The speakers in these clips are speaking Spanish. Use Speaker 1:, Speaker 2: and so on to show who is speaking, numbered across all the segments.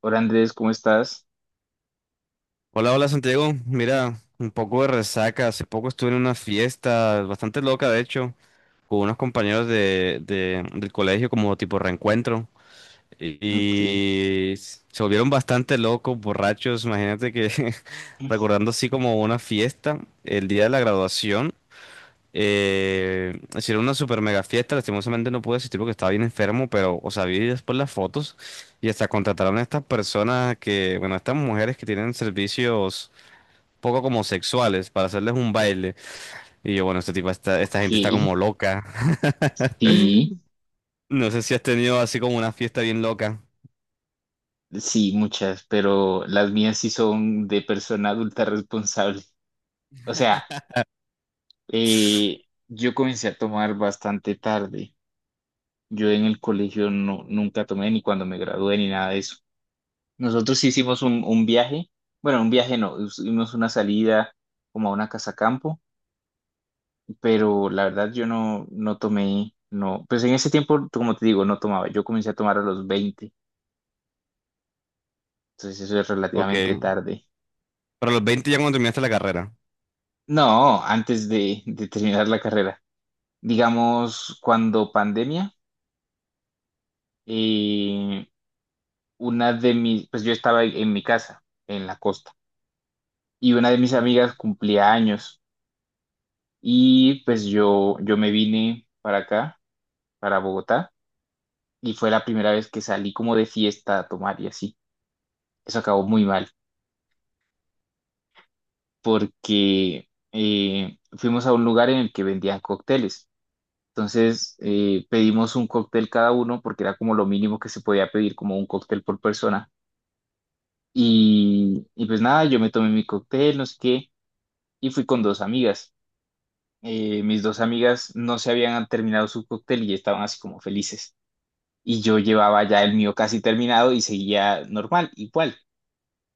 Speaker 1: Hola Andrés, ¿cómo estás?
Speaker 2: Hola, hola Santiago. Mira, un poco de resaca. Hace poco estuve en una fiesta bastante loca, de hecho, con unos compañeros del colegio como tipo reencuentro.
Speaker 1: Ok,
Speaker 2: Y se volvieron bastante locos, borrachos. Imagínate que recordando así como una fiesta, el día de la graduación, hicieron una super mega fiesta. Lastimosamente no pude asistir porque estaba bien enfermo, pero, o sea, vi después las fotos y hasta contrataron a estas personas que, bueno, estas mujeres que tienen servicios poco como sexuales para hacerles un baile. Y yo, bueno, esta
Speaker 1: ok,
Speaker 2: gente está como loca.
Speaker 1: sí,
Speaker 2: No sé si has tenido así como una fiesta bien loca.
Speaker 1: sí, muchas, pero las mías sí son de persona adulta responsable. O sea, yo comencé a tomar bastante tarde. Yo en el colegio no, nunca tomé ni cuando me gradué ni nada de eso. Nosotros sí hicimos un, viaje, bueno, un viaje no, hicimos una salida como a una casa campo, pero la verdad yo no, no tomé, no, pues en ese tiempo, como te digo, no tomaba. Yo comencé a tomar a los 20. Entonces eso es
Speaker 2: Ok.
Speaker 1: relativamente
Speaker 2: Pero
Speaker 1: tarde.
Speaker 2: a los 20 ya cuando terminaste la carrera.
Speaker 1: No, antes de, terminar la carrera. Digamos, cuando pandemia, eh, pues yo estaba en mi casa, en la costa, y una de mis amigas cumplía años y pues yo me vine para acá, para Bogotá, y fue la primera vez que salí como de fiesta a tomar y así. Eso acabó muy mal porque fuimos a un lugar en el que vendían cócteles. Entonces pedimos un cóctel cada uno porque era como lo mínimo que se podía pedir, como un cóctel por persona. Y pues nada, yo me tomé mi cóctel, no sé qué, y fui con dos amigas. Mis dos amigas no se habían terminado su cóctel y estaban así como felices. Y yo llevaba ya el mío casi terminado y seguía normal, igual.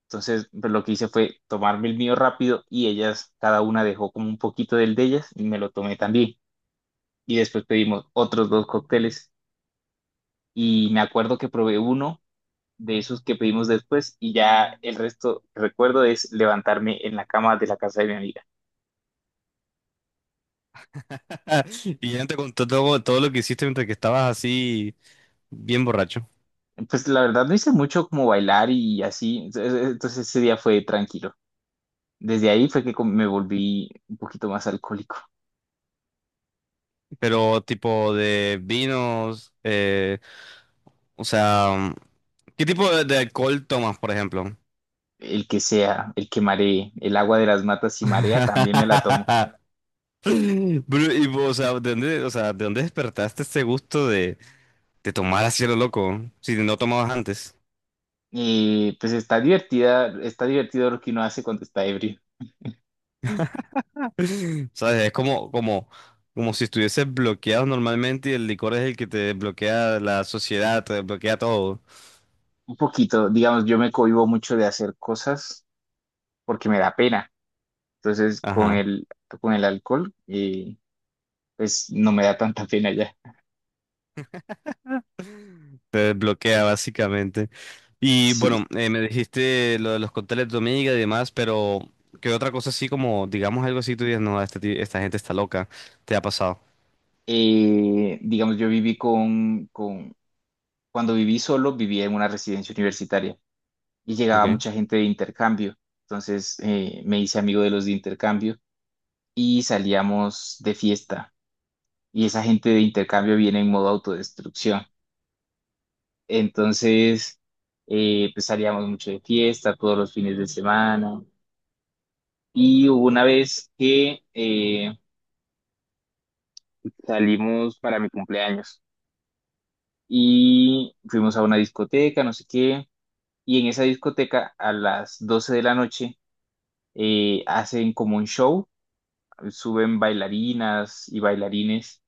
Speaker 1: Entonces pues lo que hice fue tomarme el mío rápido y ellas, cada una dejó como un poquito del de ellas y me lo tomé también. Y después pedimos otros dos cócteles y me acuerdo que probé uno de esos que pedimos después y ya el resto, recuerdo, es levantarme en la cama de la casa de mi amiga.
Speaker 2: Y ya te contó todo, todo lo que hiciste mientras que estabas así bien borracho.
Speaker 1: Pues la verdad no hice mucho como bailar y así, entonces ese día fue tranquilo. Desde ahí fue que me volví un poquito más alcohólico.
Speaker 2: Pero tipo de vinos, o sea, ¿qué tipo de alcohol tomas, por ejemplo?
Speaker 1: El que sea, el que maree, el agua de las matas si marea, también me la tomo.
Speaker 2: Y, o sea, ¿de dónde despertaste ese gusto te tomas así a lo loco, si no tomabas antes.
Speaker 1: Y pues está divertida, está divertido lo que uno hace cuando está ebrio.
Speaker 2: ¿Sabes? Es como si estuvieses bloqueado normalmente y el licor es el que te desbloquea la sociedad, te desbloquea todo.
Speaker 1: Un poquito, digamos, yo me cohíbo mucho de hacer cosas porque me da pena. Entonces, con
Speaker 2: Ajá,
Speaker 1: el, con el alcohol, pues no me da tanta pena ya.
Speaker 2: te desbloquea básicamente. Y
Speaker 1: Sí.
Speaker 2: bueno, me dijiste lo de los cócteles de tu amiga y demás, pero ¿qué otra cosa así como, digamos algo así, tú dices, no, esta gente está loca, te ha pasado,
Speaker 1: Digamos, yo viví cuando viví solo, vivía en una residencia universitaria y llegaba
Speaker 2: ¿ok?
Speaker 1: mucha gente de intercambio. Entonces me hice amigo de los de intercambio y salíamos de fiesta. Y esa gente de intercambio viene en modo autodestrucción. Entonces, pues salíamos mucho de fiesta todos los fines de semana. Y hubo una vez que salimos para mi cumpleaños. Y fuimos a una discoteca, no sé qué, y en esa discoteca a las 12 de la noche hacen como un show, suben bailarinas y bailarines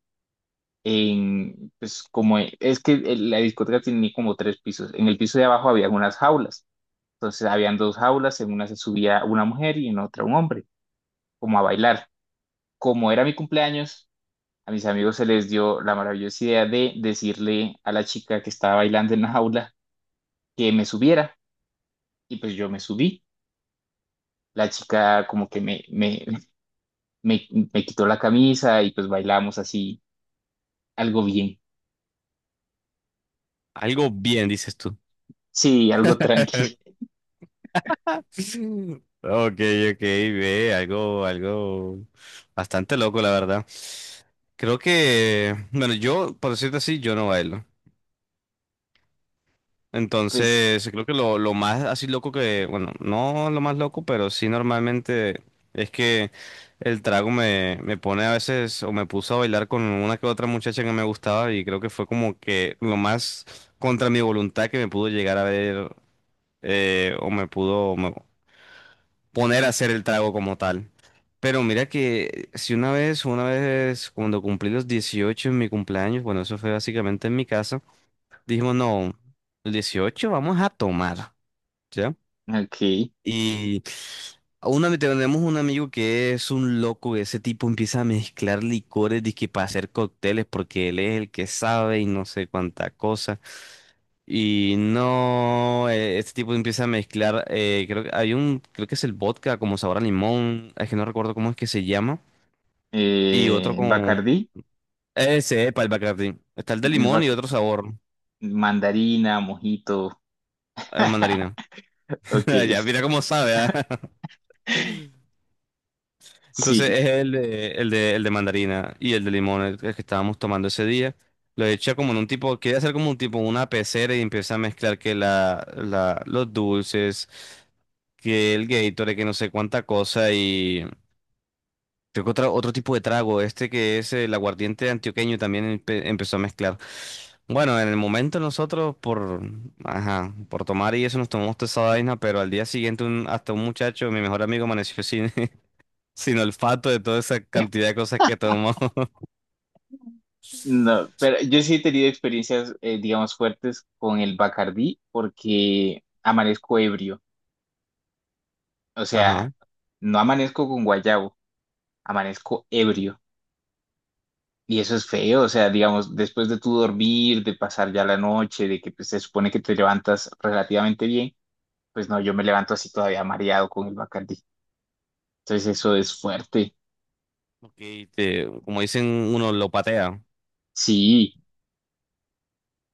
Speaker 1: pues como es que la discoteca tenía como tres pisos, en el piso de abajo había unas jaulas, entonces habían dos jaulas, en una se subía una mujer y en otra un hombre, como a bailar. Como era mi cumpleaños, a mis amigos se les dio la maravillosa idea de decirle a la chica que estaba bailando en la jaula que me subiera. Y pues yo me subí. La chica como que me, me, me, me, quitó la camisa y pues bailamos así, algo bien.
Speaker 2: Algo bien, dices tú.
Speaker 1: Sí, algo tranqui.
Speaker 2: Ok, ok, ve, algo bastante loco, la verdad. Creo que, bueno, yo, por decirte así, yo no bailo.
Speaker 1: Pues,
Speaker 2: Entonces, creo que lo más así loco que, bueno, no lo más loco, pero sí normalmente es que el trago me pone a veces, o me puso a bailar con una que otra muchacha que me gustaba y creo que fue como que lo más contra mi voluntad que me pudo llegar a ver, o me pudo, poner a hacer el trago como tal. Pero mira que si una vez cuando cumplí los 18 en mi cumpleaños, bueno, eso fue básicamente en mi casa, dijimos, no, los 18 vamos a tomar,
Speaker 1: ok.
Speaker 2: y tenemos un amigo que es un loco, ese tipo empieza a mezclar licores dizque para hacer cócteles porque él es el que sabe y no sé cuánta cosa. Y no, este tipo empieza a mezclar, creo que es el vodka como sabor a limón, es que no recuerdo cómo es que se llama, y otro con...
Speaker 1: Bacardí,
Speaker 2: Ese, epa, el Bacardi. Está el de
Speaker 1: el
Speaker 2: limón y
Speaker 1: bac-
Speaker 2: otro sabor,
Speaker 1: mandarina, mojito.
Speaker 2: el mandarina.
Speaker 1: Ok.
Speaker 2: Ya mira cómo sabe, ¿ah? Entonces
Speaker 1: Sí.
Speaker 2: es el de mandarina y el de limón, el que estábamos tomando ese día. Lo echa como en un tipo, quiere hacer como un tipo, una pecera y empieza a mezclar que los dulces, que el Gatorade, que no sé cuánta cosa y creo que otro tipo de trago, este que es el aguardiente antioqueño también empezó a mezclar. Bueno, en el momento nosotros por, ajá, por tomar y eso nos tomamos toda esa vaina, pero al día siguiente hasta un muchacho, mi mejor amigo, amaneció sin, sin olfato de toda esa cantidad de cosas que tomó.
Speaker 1: No, pero yo sí he tenido experiencias, digamos, fuertes con el Bacardí porque amanezco ebrio. O sea,
Speaker 2: Ajá.
Speaker 1: no amanezco con guayabo, amanezco ebrio. Y eso es feo, o sea, digamos, después de tu dormir, de pasar ya la noche, de que pues, se supone que te levantas relativamente bien, pues no, yo me levanto así todavía mareado con el Bacardi. Entonces eso es fuerte.
Speaker 2: Ok, como dicen, uno lo patea.
Speaker 1: Sí,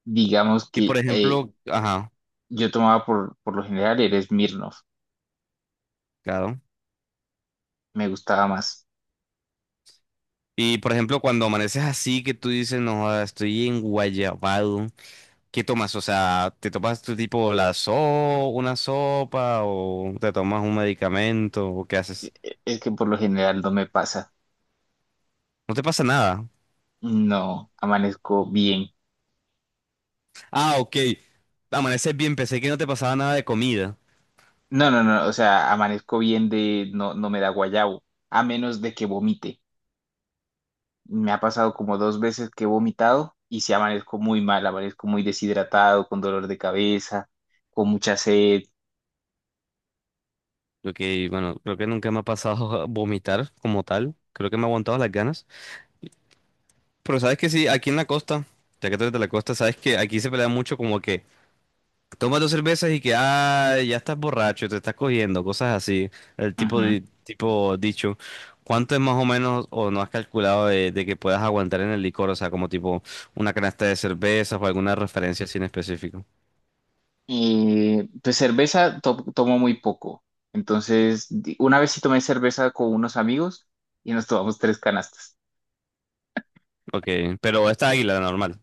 Speaker 1: digamos
Speaker 2: Y por
Speaker 1: que
Speaker 2: ejemplo, ajá,
Speaker 1: yo tomaba por lo general el Smirnoff,
Speaker 2: claro.
Speaker 1: me gustaba más.
Speaker 2: Y por ejemplo, cuando amaneces así, que tú dices, no, joda, estoy en Guayabado, ¿qué tomas? O sea, ¿te tomas tu tipo una sopa o te tomas un medicamento o qué haces?
Speaker 1: Es que por lo general no me pasa.
Speaker 2: No te pasa nada.
Speaker 1: No, amanezco bien.
Speaker 2: Ah, ok. Amaneces bien, pensé que no te pasaba nada de comida.
Speaker 1: No, no, no, o sea, amanezco bien no, no me da guayabo, a menos de que vomite. Me ha pasado como dos veces que he vomitado y si amanezco muy mal, amanezco muy deshidratado, con dolor de cabeza, con mucha sed.
Speaker 2: Ok, bueno, creo que nunca me ha pasado a vomitar como tal. Creo que me ha aguantado las ganas. Pero sabes que sí, aquí en la costa, ya que tú eres de la costa, sabes que aquí se pelea mucho como que tomas dos cervezas y que ah, ya estás borracho, te estás cogiendo, cosas así. El tipo
Speaker 1: Ujú.
Speaker 2: de tipo dicho. ¿Cuánto es más o menos o no has calculado de que puedas aguantar en el licor? O sea, como tipo una canasta de cervezas o alguna referencia así en específico.
Speaker 1: Y pues cerveza tomo muy poco. Entonces, una vez sí tomé cerveza con unos amigos y nos tomamos tres canastas.
Speaker 2: Ok, pero esta águila normal.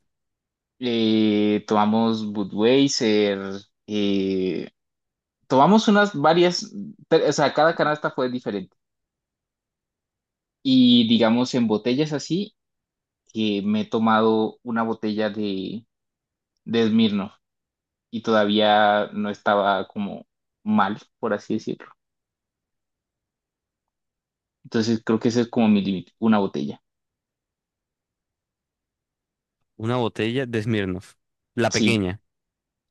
Speaker 1: Tomamos Budweiser, eh, tomamos unas varias, o sea, cada canasta fue diferente. Y digamos en botellas así, que me he tomado una botella de Smirnoff y todavía no estaba como mal, por así decirlo. Entonces creo que ese es como mi límite, una botella.
Speaker 2: Una botella de Smirnoff. La
Speaker 1: Sí,
Speaker 2: pequeña.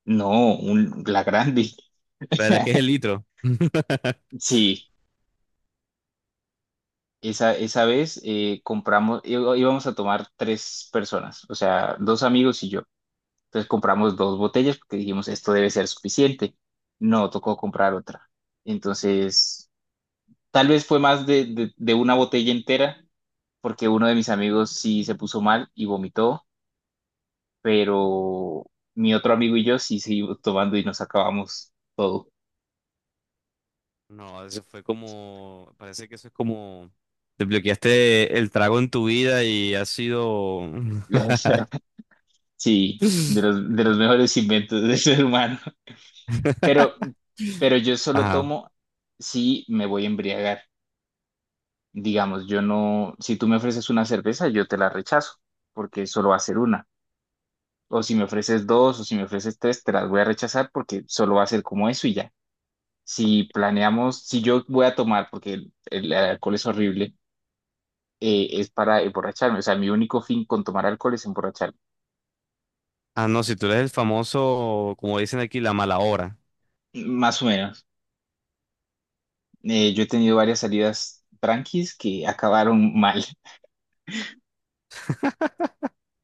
Speaker 1: no, la grande.
Speaker 2: La de la que es el litro.
Speaker 1: Sí, esa vez íbamos a tomar tres personas, o sea, dos amigos y yo. Entonces compramos dos botellas porque dijimos, esto debe ser suficiente. No, tocó comprar otra. Entonces, tal vez fue más de una botella entera porque uno de mis amigos sí se puso mal y vomitó. Pero mi otro amigo y yo sí seguimos tomando y nos acabamos todo.
Speaker 2: No, eso fue como, parece que eso es como, desbloqueaste el trago en tu vida y ha sido...
Speaker 1: O sea, sí, de los, de los mejores inventos del ser humano. Pero, pero yo solo
Speaker 2: Ajá.
Speaker 1: tomo si me voy a embriagar. Digamos, yo no, si tú me ofreces una cerveza, yo te la rechazo, porque solo va a ser una. O si me ofreces dos, o si me ofreces tres, te las voy a rechazar porque solo va a ser como eso y ya. Si planeamos, si yo voy a tomar, porque el alcohol es horrible, es para emborracharme. O sea, mi único fin con tomar alcohol es emborracharme.
Speaker 2: Ah, no, si tú eres el famoso, como dicen aquí, la mala hora.
Speaker 1: Más o menos. Yo he tenido varias salidas tranquis que acabaron mal.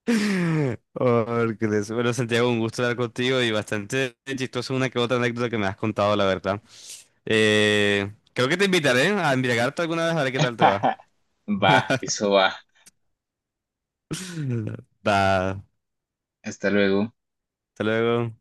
Speaker 2: Bueno, Santiago, un gusto hablar contigo y bastante chistoso una que otra anécdota que me has contado, la verdad. Creo que te invitaré a embriagarte alguna vez a ver qué tal te va.
Speaker 1: Va, eso va.
Speaker 2: Da,
Speaker 1: Hasta luego.
Speaker 2: Hasta luego.